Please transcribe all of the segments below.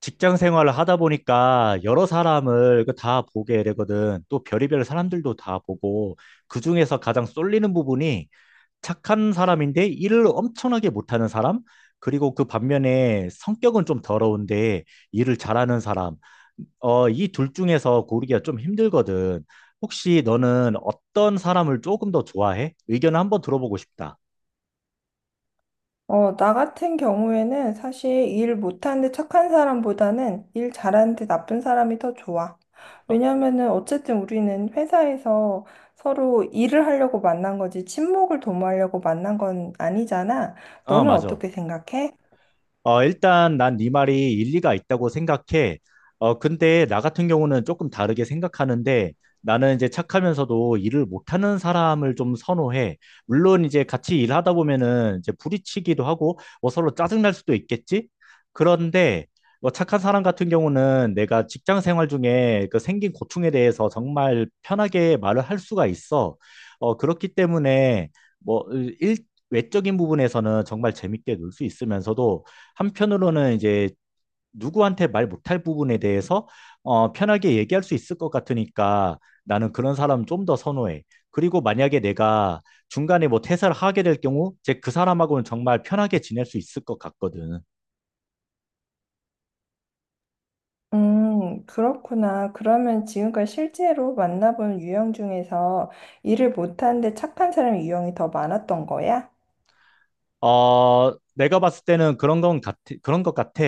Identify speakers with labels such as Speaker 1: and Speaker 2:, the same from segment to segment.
Speaker 1: 직장 생활을 하다 보니까 여러 사람을 그다 보게 되거든. 또 별의별 사람들도 다 보고 그중에서 가장 쏠리는 부분이 착한 사람인데 일을 엄청나게 못하는 사람, 그리고 그 반면에 성격은 좀 더러운데 일을 잘하는 사람. 이 둘 중에서 고르기가 좀 힘들거든. 혹시 너는 어떤 사람을 조금 더 좋아해? 의견을 한번 들어보고 싶다.
Speaker 2: 나 같은 경우에는 사실 일 못하는데 착한 사람보다는 일 잘하는데 나쁜 사람이 더 좋아.
Speaker 1: 어,
Speaker 2: 왜냐면은 어쨌든 우리는 회사에서 서로 일을 하려고 만난 거지 친목을 도모하려고 만난 건 아니잖아.
Speaker 1: 어,
Speaker 2: 너는
Speaker 1: 맞아.
Speaker 2: 어떻게 생각해?
Speaker 1: 일단 난 네 말이 일리가 있다고 생각해. 근데 나 같은 경우는 조금 다르게 생각하는데 나는 이제 착하면서도 일을 못하는 사람을 좀 선호해. 물론 이제 같이 일하다 보면은 이제 부딪히기도 하고 뭐 서로 짜증날 수도 있겠지? 그런데 뭐 착한 사람 같은 경우는 내가 직장 생활 중에 그 생긴 고충에 대해서 정말 편하게 말을 할 수가 있어. 그렇기 때문에 뭐 일, 외적인 부분에서는 정말 재밌게 놀 수 있으면서도 한편으로는 이제 누구한테 말 못할 부분에 대해서 편하게 얘기할 수 있을 것 같으니까 나는 그런 사람 좀 더 선호해. 그리고 만약에 내가 중간에 뭐 퇴사를 하게 될 경우, 이제 그 사람하고는 정말 편하게 지낼 수 있을 것 같거든.
Speaker 2: 그렇구나. 그러면 지금까지 실제로 만나본 유형 중에서 일을 못하는데 착한 사람 유형이 더 많았던 거야?
Speaker 1: 내가 봤을 때는 그런 것 같아.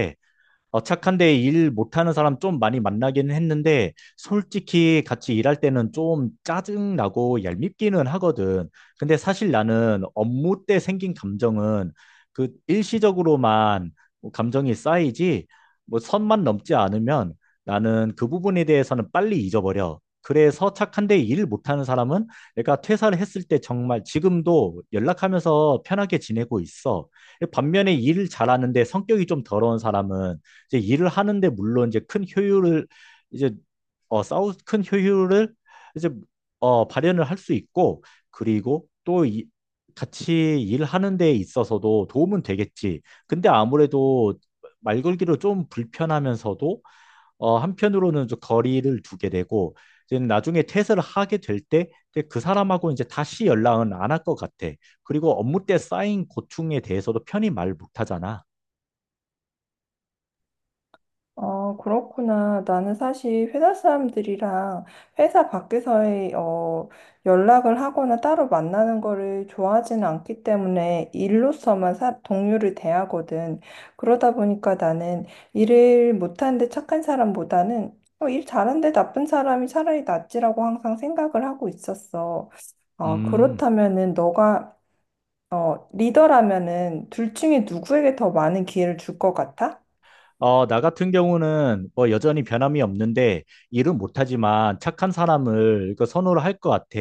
Speaker 1: 착한데 일 못하는 사람 좀 많이 만나긴 했는데, 솔직히 같이 일할 때는 좀 짜증나고 얄밉기는 하거든. 근데 사실 나는 업무 때 생긴 감정은 그 일시적으로만 뭐 감정이 쌓이지, 뭐 선만 넘지 않으면 나는 그 부분에 대해서는 빨리 잊어버려. 그래서 착한데 일 못하는 사람은 내가 퇴사를 했을 때 정말 지금도 연락하면서 편하게 지내고 있어. 반면에 일을 잘하는데 성격이 좀 더러운 사람은 이제 일을 하는데 물론 이제 큰 효율을 이제 어 싸우 큰 효율을 이제 발현을 할 수 있고 그리고 또 이, 같이 일하는 데 있어서도 도움은 되겠지. 근데 아무래도 말 걸기로 좀 불편하면서도 한편으로는 좀 거리를 두게 되고 이제 나중에 퇴사를 하게 될 때 그 사람하고 이제 다시 연락은 안 할 것 같아. 그리고 업무 때 쌓인 고충에 대해서도 편히 말 못하잖아.
Speaker 2: 그렇구나. 나는 사실 회사 사람들이랑 회사 밖에서의 연락을 하거나 따로 만나는 거를 좋아하지는 않기 때문에 일로서만 사, 동료를 대하거든. 그러다 보니까 나는 일을 못하는데 착한 사람보다는 일 잘하는데 나쁜 사람이 차라리 낫지라고 항상 생각을 하고 있었어. 어,
Speaker 1: 음.
Speaker 2: 그렇다면은 너가 리더라면은 둘 중에 누구에게 더 많은 기회를 줄 것 같아?
Speaker 1: 나 같은 경우는 뭐 여전히 변함이 없는데 일은 못하지만 착한 사람을 그 선호를 할 것 같아.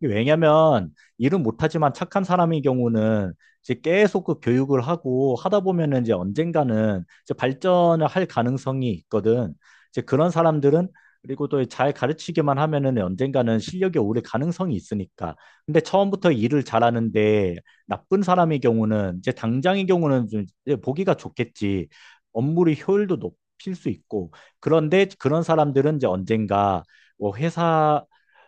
Speaker 1: 왜냐면 일은 못하지만 착한 사람의 경우는 이제 계속 그 교육을 하고 하다 보면은 이제 언젠가는 이제 발전을 할 가능성이 있거든. 이제 그런 사람들은 그리고 또 잘 가르치기만 하면은 언젠가는 실력이 오를 가능성이 있으니까. 근데 처음부터 일을 잘하는데 나쁜 사람의 경우는 이제 당장의 경우는 좀 이제 보기가 좋겠지. 업무의 효율도 높일 수 있고 그런데 그런 사람들은 이제 언젠가 뭐 회사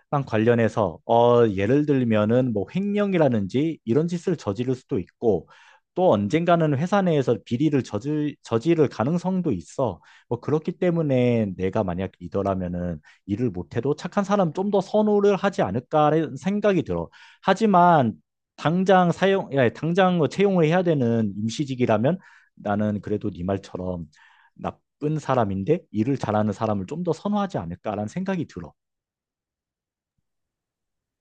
Speaker 1: 빵 관련해서 예를 들면은 뭐 횡령이라든지 이런 짓을 저지를 수도 있고 또 언젠가는 회사 내에서 저지를 가능성도 있어. 뭐 그렇기 때문에 내가 만약 리더라면은 일을 못해도 착한 사람 좀 더 선호를 하지 않을까라는 생각이 들어. 하지만 당장 뭐 채용을 해야 되는 임시직이라면 나는 그래도 네 말처럼 나쁜 사람인데 일을 잘하는 사람을 좀 더 선호하지 않을까라는 생각이 들어.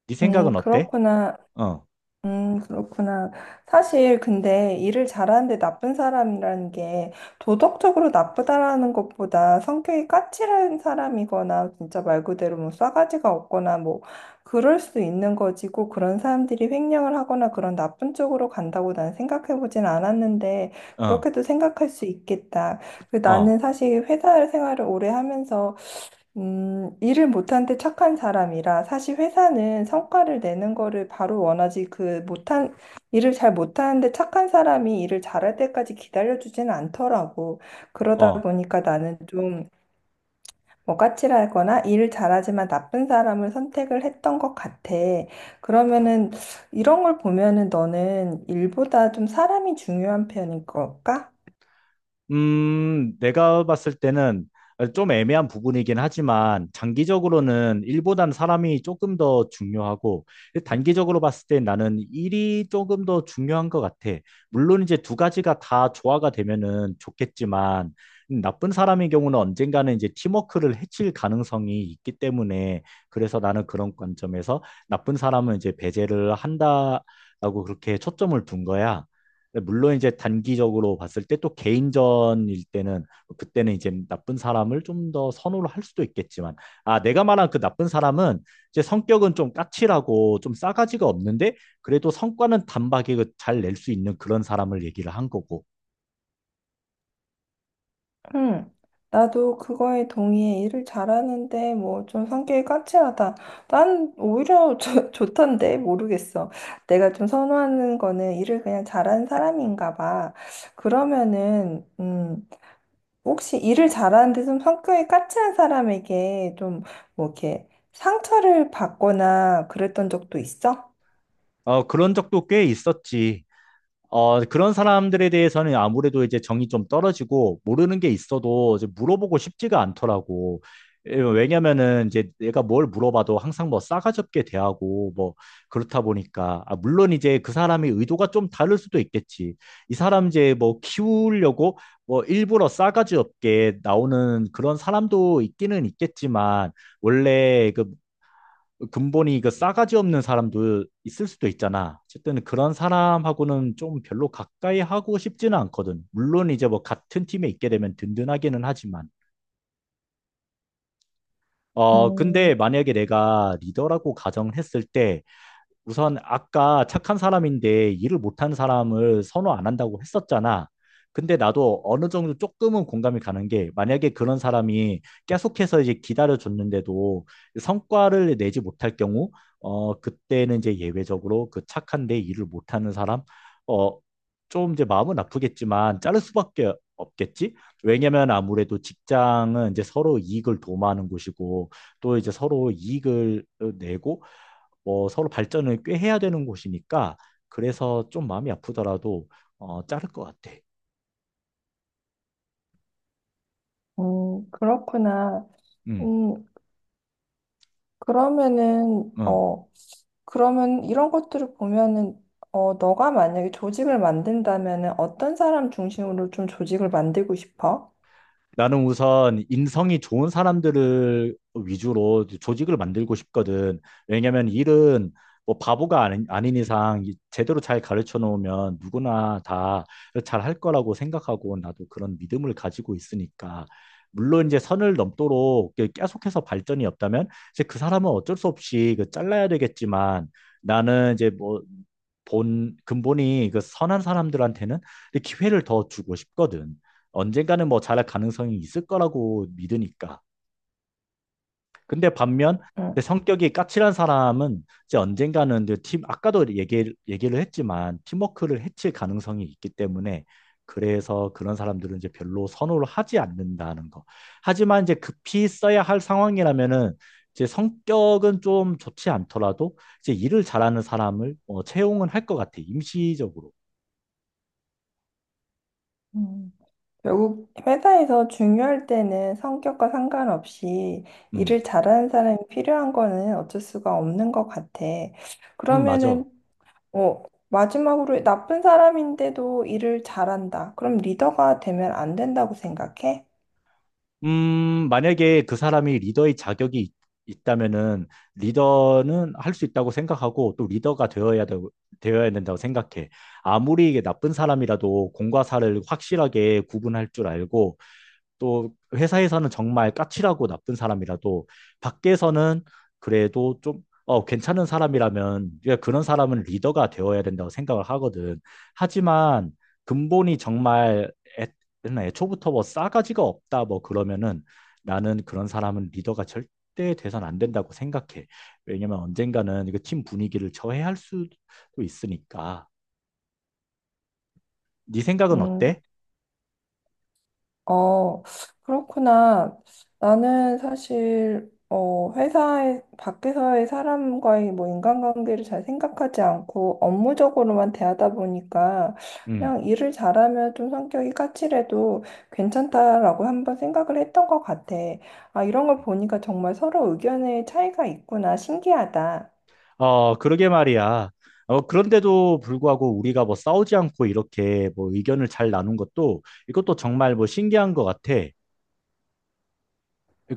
Speaker 1: 네 생각은 어때?
Speaker 2: 그렇구나.
Speaker 1: 어,
Speaker 2: 그렇구나. 사실 근데 일을 잘하는데 나쁜 사람이라는 게 도덕적으로 나쁘다라는 것보다 성격이 까칠한 사람이거나 진짜 말 그대로 뭐 싸가지가 없거나 뭐 그럴 수 있는 거지고 그런 사람들이 횡령을 하거나 그런 나쁜 쪽으로 간다고 난 생각해 보진 않았는데
Speaker 1: 어,
Speaker 2: 그렇게도 생각할 수 있겠다. 그
Speaker 1: 어,
Speaker 2: 나는 사실 회사 생활을 오래 하면서 일을 못한데 착한 사람이라 사실 회사는 성과를 내는 거를 바로 원하지 그 못한 일을 잘 못하는데 착한 사람이 일을 잘할 때까지 기다려주지는 않더라고. 그러다
Speaker 1: 어.
Speaker 2: 보니까 나는 좀 뭐 까칠하거나 일을 잘하지만 나쁜 사람을 선택을 했던 것 같아. 그러면은 이런 걸 보면은 너는 일보다 좀 사람이 중요한 편인 걸까?
Speaker 1: 내가 봤을 때는 좀 애매한 부분이긴 하지만 장기적으로는 일보단 사람이 조금 더 중요하고 단기적으로 봤을 때 나는 일이 조금 더 중요한 것 같아. 물론 이제 두 가지가 다 조화가 되면은 좋겠지만 나쁜 사람의 경우는 언젠가는 이제 팀워크를 해칠 가능성이 있기 때문에 그래서 나는 그런 관점에서 나쁜 사람은 이제 배제를 한다라고 그렇게 초점을 둔 거야. 물론 이제 단기적으로 봤을 때 또 개인전일 때는 뭐 그때는 이제 나쁜 사람을 좀 더 선호를 할 수도 있겠지만 아 내가 말한 그 나쁜 사람은 이제 성격은 좀 까칠하고 좀 싸가지가 없는데 그래도 성과는 단박에 그 잘낼 수 있는 그런 사람을 얘기를 한 거고
Speaker 2: 응, 나도 그거에 동의해. 일을 잘하는데, 뭐, 좀 성격이 까칠하다. 난 오히려 좋 좋던데, 모르겠어. 내가 좀 선호하는 거는 일을 그냥 잘하는 사람인가 봐. 그러면은, 혹시 일을 잘하는데 좀 성격이 까칠한 사람에게 좀, 뭐, 이렇게 상처를 받거나 그랬던 적도 있어?
Speaker 1: 그런 적도 꽤 있었지. 그런 사람들에 대해서는 아무래도 이제 정이 좀 떨어지고 모르는 게 있어도 이제 물어보고 싶지가 않더라고. 예, 왜냐면은 이제 내가 뭘 물어봐도 항상 뭐 싸가지 없게 대하고 뭐 그렇다 보니까 아, 물론 이제 그 사람의 의도가 좀 다를 수도 있겠지. 이 사람 이제 뭐 키우려고 뭐 일부러 싸가지 없게 나오는 그런 사람도 있기는 있겠지만 원래 그 근본이 그 싸가지 없는 사람도 있을 수도 있잖아. 어쨌든 그런 사람하고는 좀 별로 가까이 하고 싶지는 않거든. 물론 이제 뭐 같은 팀에 있게 되면 든든하기는 하지만. 근데
Speaker 2: 음,
Speaker 1: 만약에 내가 리더라고 가정했을 때 우선 아까 착한 사람인데 일을 못한 사람을 선호 안 한다고 했었잖아. 근데 나도 어느 정도 조금은 공감이 가는 게 만약에 그런 사람이 계속해서 이제 기다려줬는데도 성과를 내지 못할 경우, 그때는 이제 예외적으로 그 착한데 일을 못하는 사람, 어, 좀 이제 마음은 아프겠지만 자를 수밖에 없겠지? 왜냐면 아무래도 직장은 이제 서로 이익을 도모하는 곳이고 또 이제 서로 이익을 내고 뭐 서로 발전을 꽤 해야 되는 곳이니까 그래서 좀 마음이 아프더라도 자를 것 같아.
Speaker 2: 그렇구나. 음, 그러면은,
Speaker 1: 어.
Speaker 2: 어, 그러면 이런 것들을 보면은 어, 너가 만약에 조직을 만든다면은 어떤 사람 중심으로 좀 조직을 만들고 싶어?
Speaker 1: 나는 우선 인성이 좋은 사람들을 위주로 조직을 만들고 싶거든. 왜냐면 일은 뭐 바보가 아닌 이상 이- 제대로 잘 가르쳐 놓으면 누구나 다 잘 할 거라고 생각하고 나도 그런 믿음을 가지고 있으니까. 물론 이제 선을 넘도록 이렇게 계속해서 발전이 없다면 이제 그 사람은 어쩔 수 없이 그 잘라야 되겠지만 나는 이제 뭐 본 근본이 그 선한 사람들한테는 기회를 더 주고 싶거든. 언젠가는 뭐 잘할 가능성이 있을 거라고 믿으니까. 근데 반면
Speaker 2: 응.
Speaker 1: 근데 성격이 까칠한 사람은 이제 언젠가는 이제 팀 아까도 얘기를 했지만 팀워크를 해칠 가능성이 있기 때문에 그래서 그런 사람들은 이제 별로 선호를 하지 않는다는 거. 하지만 이제 급히 써야 할 상황이라면은 이제 성격은 좀 좋지 않더라도 이제 일을 잘하는 사람을 채용은 할 것 같아. 임시적으로.
Speaker 2: 음, 결국 회사에서 중요할 때는 성격과 상관없이
Speaker 1: 음,
Speaker 2: 일을 잘하는 사람이 필요한 거는 어쩔 수가 없는 것 같아.
Speaker 1: 맞아.
Speaker 2: 그러면은 어, 마지막으로 나쁜 사람인데도 일을 잘한다. 그럼 리더가 되면 안 된다고 생각해?
Speaker 1: 만약에 그 사람이 있다면은 리더는 할 수 있다고 생각하고 또 어야 된다고 생각해. 아무리 이게 나쁜 사람이라도 공과 사를 확실하게 구분할 줄 알고 또 회사에서는 정말 까칠하고 나쁜 사람이라도 밖에서는 그래도 좀 괜찮은 사람이라면 그러니까 그런 사람은 리더가 되어야 된다고 생각을 하거든. 하지만 근본이 정말 애, 맨날 애초부터 뭐 싸가지가 없다 뭐 그러면은 나는 그런 사람은 리더가 절대 돼선 안 된다고 생각해. 왜냐면 언젠가는 이거 팀 분위기를 저해할 수도 있으니까. 네 생각은
Speaker 2: 음,
Speaker 1: 어때?
Speaker 2: 어, 그렇구나. 나는 사실, 어, 회사에, 밖에서의 사람과의 뭐 인간관계를 잘 생각하지 않고 업무적으로만 대하다 보니까
Speaker 1: 음.
Speaker 2: 그냥 일을 잘하면 좀 성격이 까칠해도 괜찮다라고 한번 생각을 했던 것 같아. 아, 이런 걸 보니까 정말 서로 의견의 차이가 있구나. 신기하다.
Speaker 1: 그러게 말이야. 그런데도 불구하고 우리가 뭐 싸우지 않고 이렇게 뭐 의견을 잘 나눈 것도 이것도 정말 뭐 신기한 것 같아.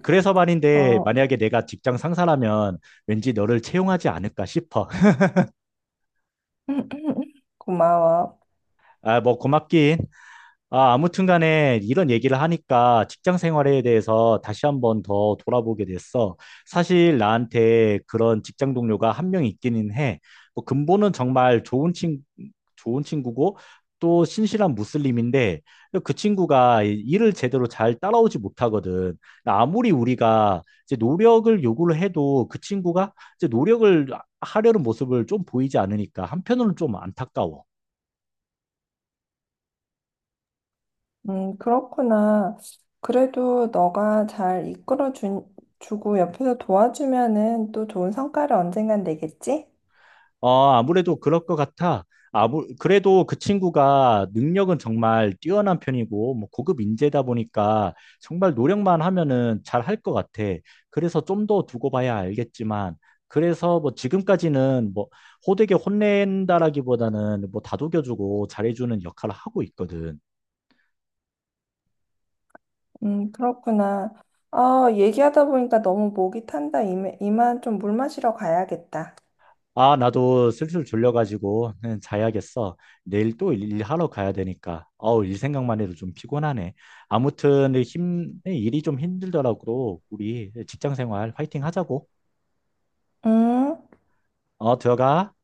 Speaker 1: 그래서 말인데
Speaker 2: 어,
Speaker 1: 만약에 내가 직장 상사라면 왠지 너를 채용하지 않을까 싶어.
Speaker 2: 고마워.
Speaker 1: 아, 뭐 고맙긴. 아, 아무튼 간에 이런 얘기를 하니까 직장 생활에 대해서 다시 한번 더 돌아보게 됐어. 사실 나한테 그런 직장 동료가 한 명 있기는 해. 뭐 근본은 정말 좋은 친구고 또 신실한 무슬림인데 그 친구가 일을 제대로 잘 따라오지 못하거든. 아무리 우리가 이제 노력을 요구를 해도 그 친구가 이제 노력을 하려는 모습을 좀 보이지 않으니까 한편으로는 좀 안타까워.
Speaker 2: 그렇구나. 그래도 너가 잘 주고 옆에서 도와주면은 또 좋은 성과를 언젠간 내겠지?
Speaker 1: 아무래도 그럴 것 같아. 그래도 그 친구가 능력은 정말 뛰어난 편이고, 뭐 고급 인재다 보니까 정말 노력만 하면은 잘 할 것 같아. 그래서 좀 더 두고 봐야 알겠지만, 그래서 뭐 지금까지는 뭐 호되게 혼낸다라기보다는 뭐 다독여주고 잘해주는 역할을 하고 있거든.
Speaker 2: 그렇구나. 아, 얘기하다 보니까 너무 목이 탄다. 이만 좀 물 마시러 가야겠다.
Speaker 1: 아, 나도 슬슬 졸려가지고 그냥 자야겠어. 내일 또 일- 하러 가야 되니까. 어우, 일 생각만 해도 좀 피곤하네. 일이 좀 힘들더라고. 우리 직장 생활 화이팅 하자고.
Speaker 2: 음.
Speaker 1: 들어가.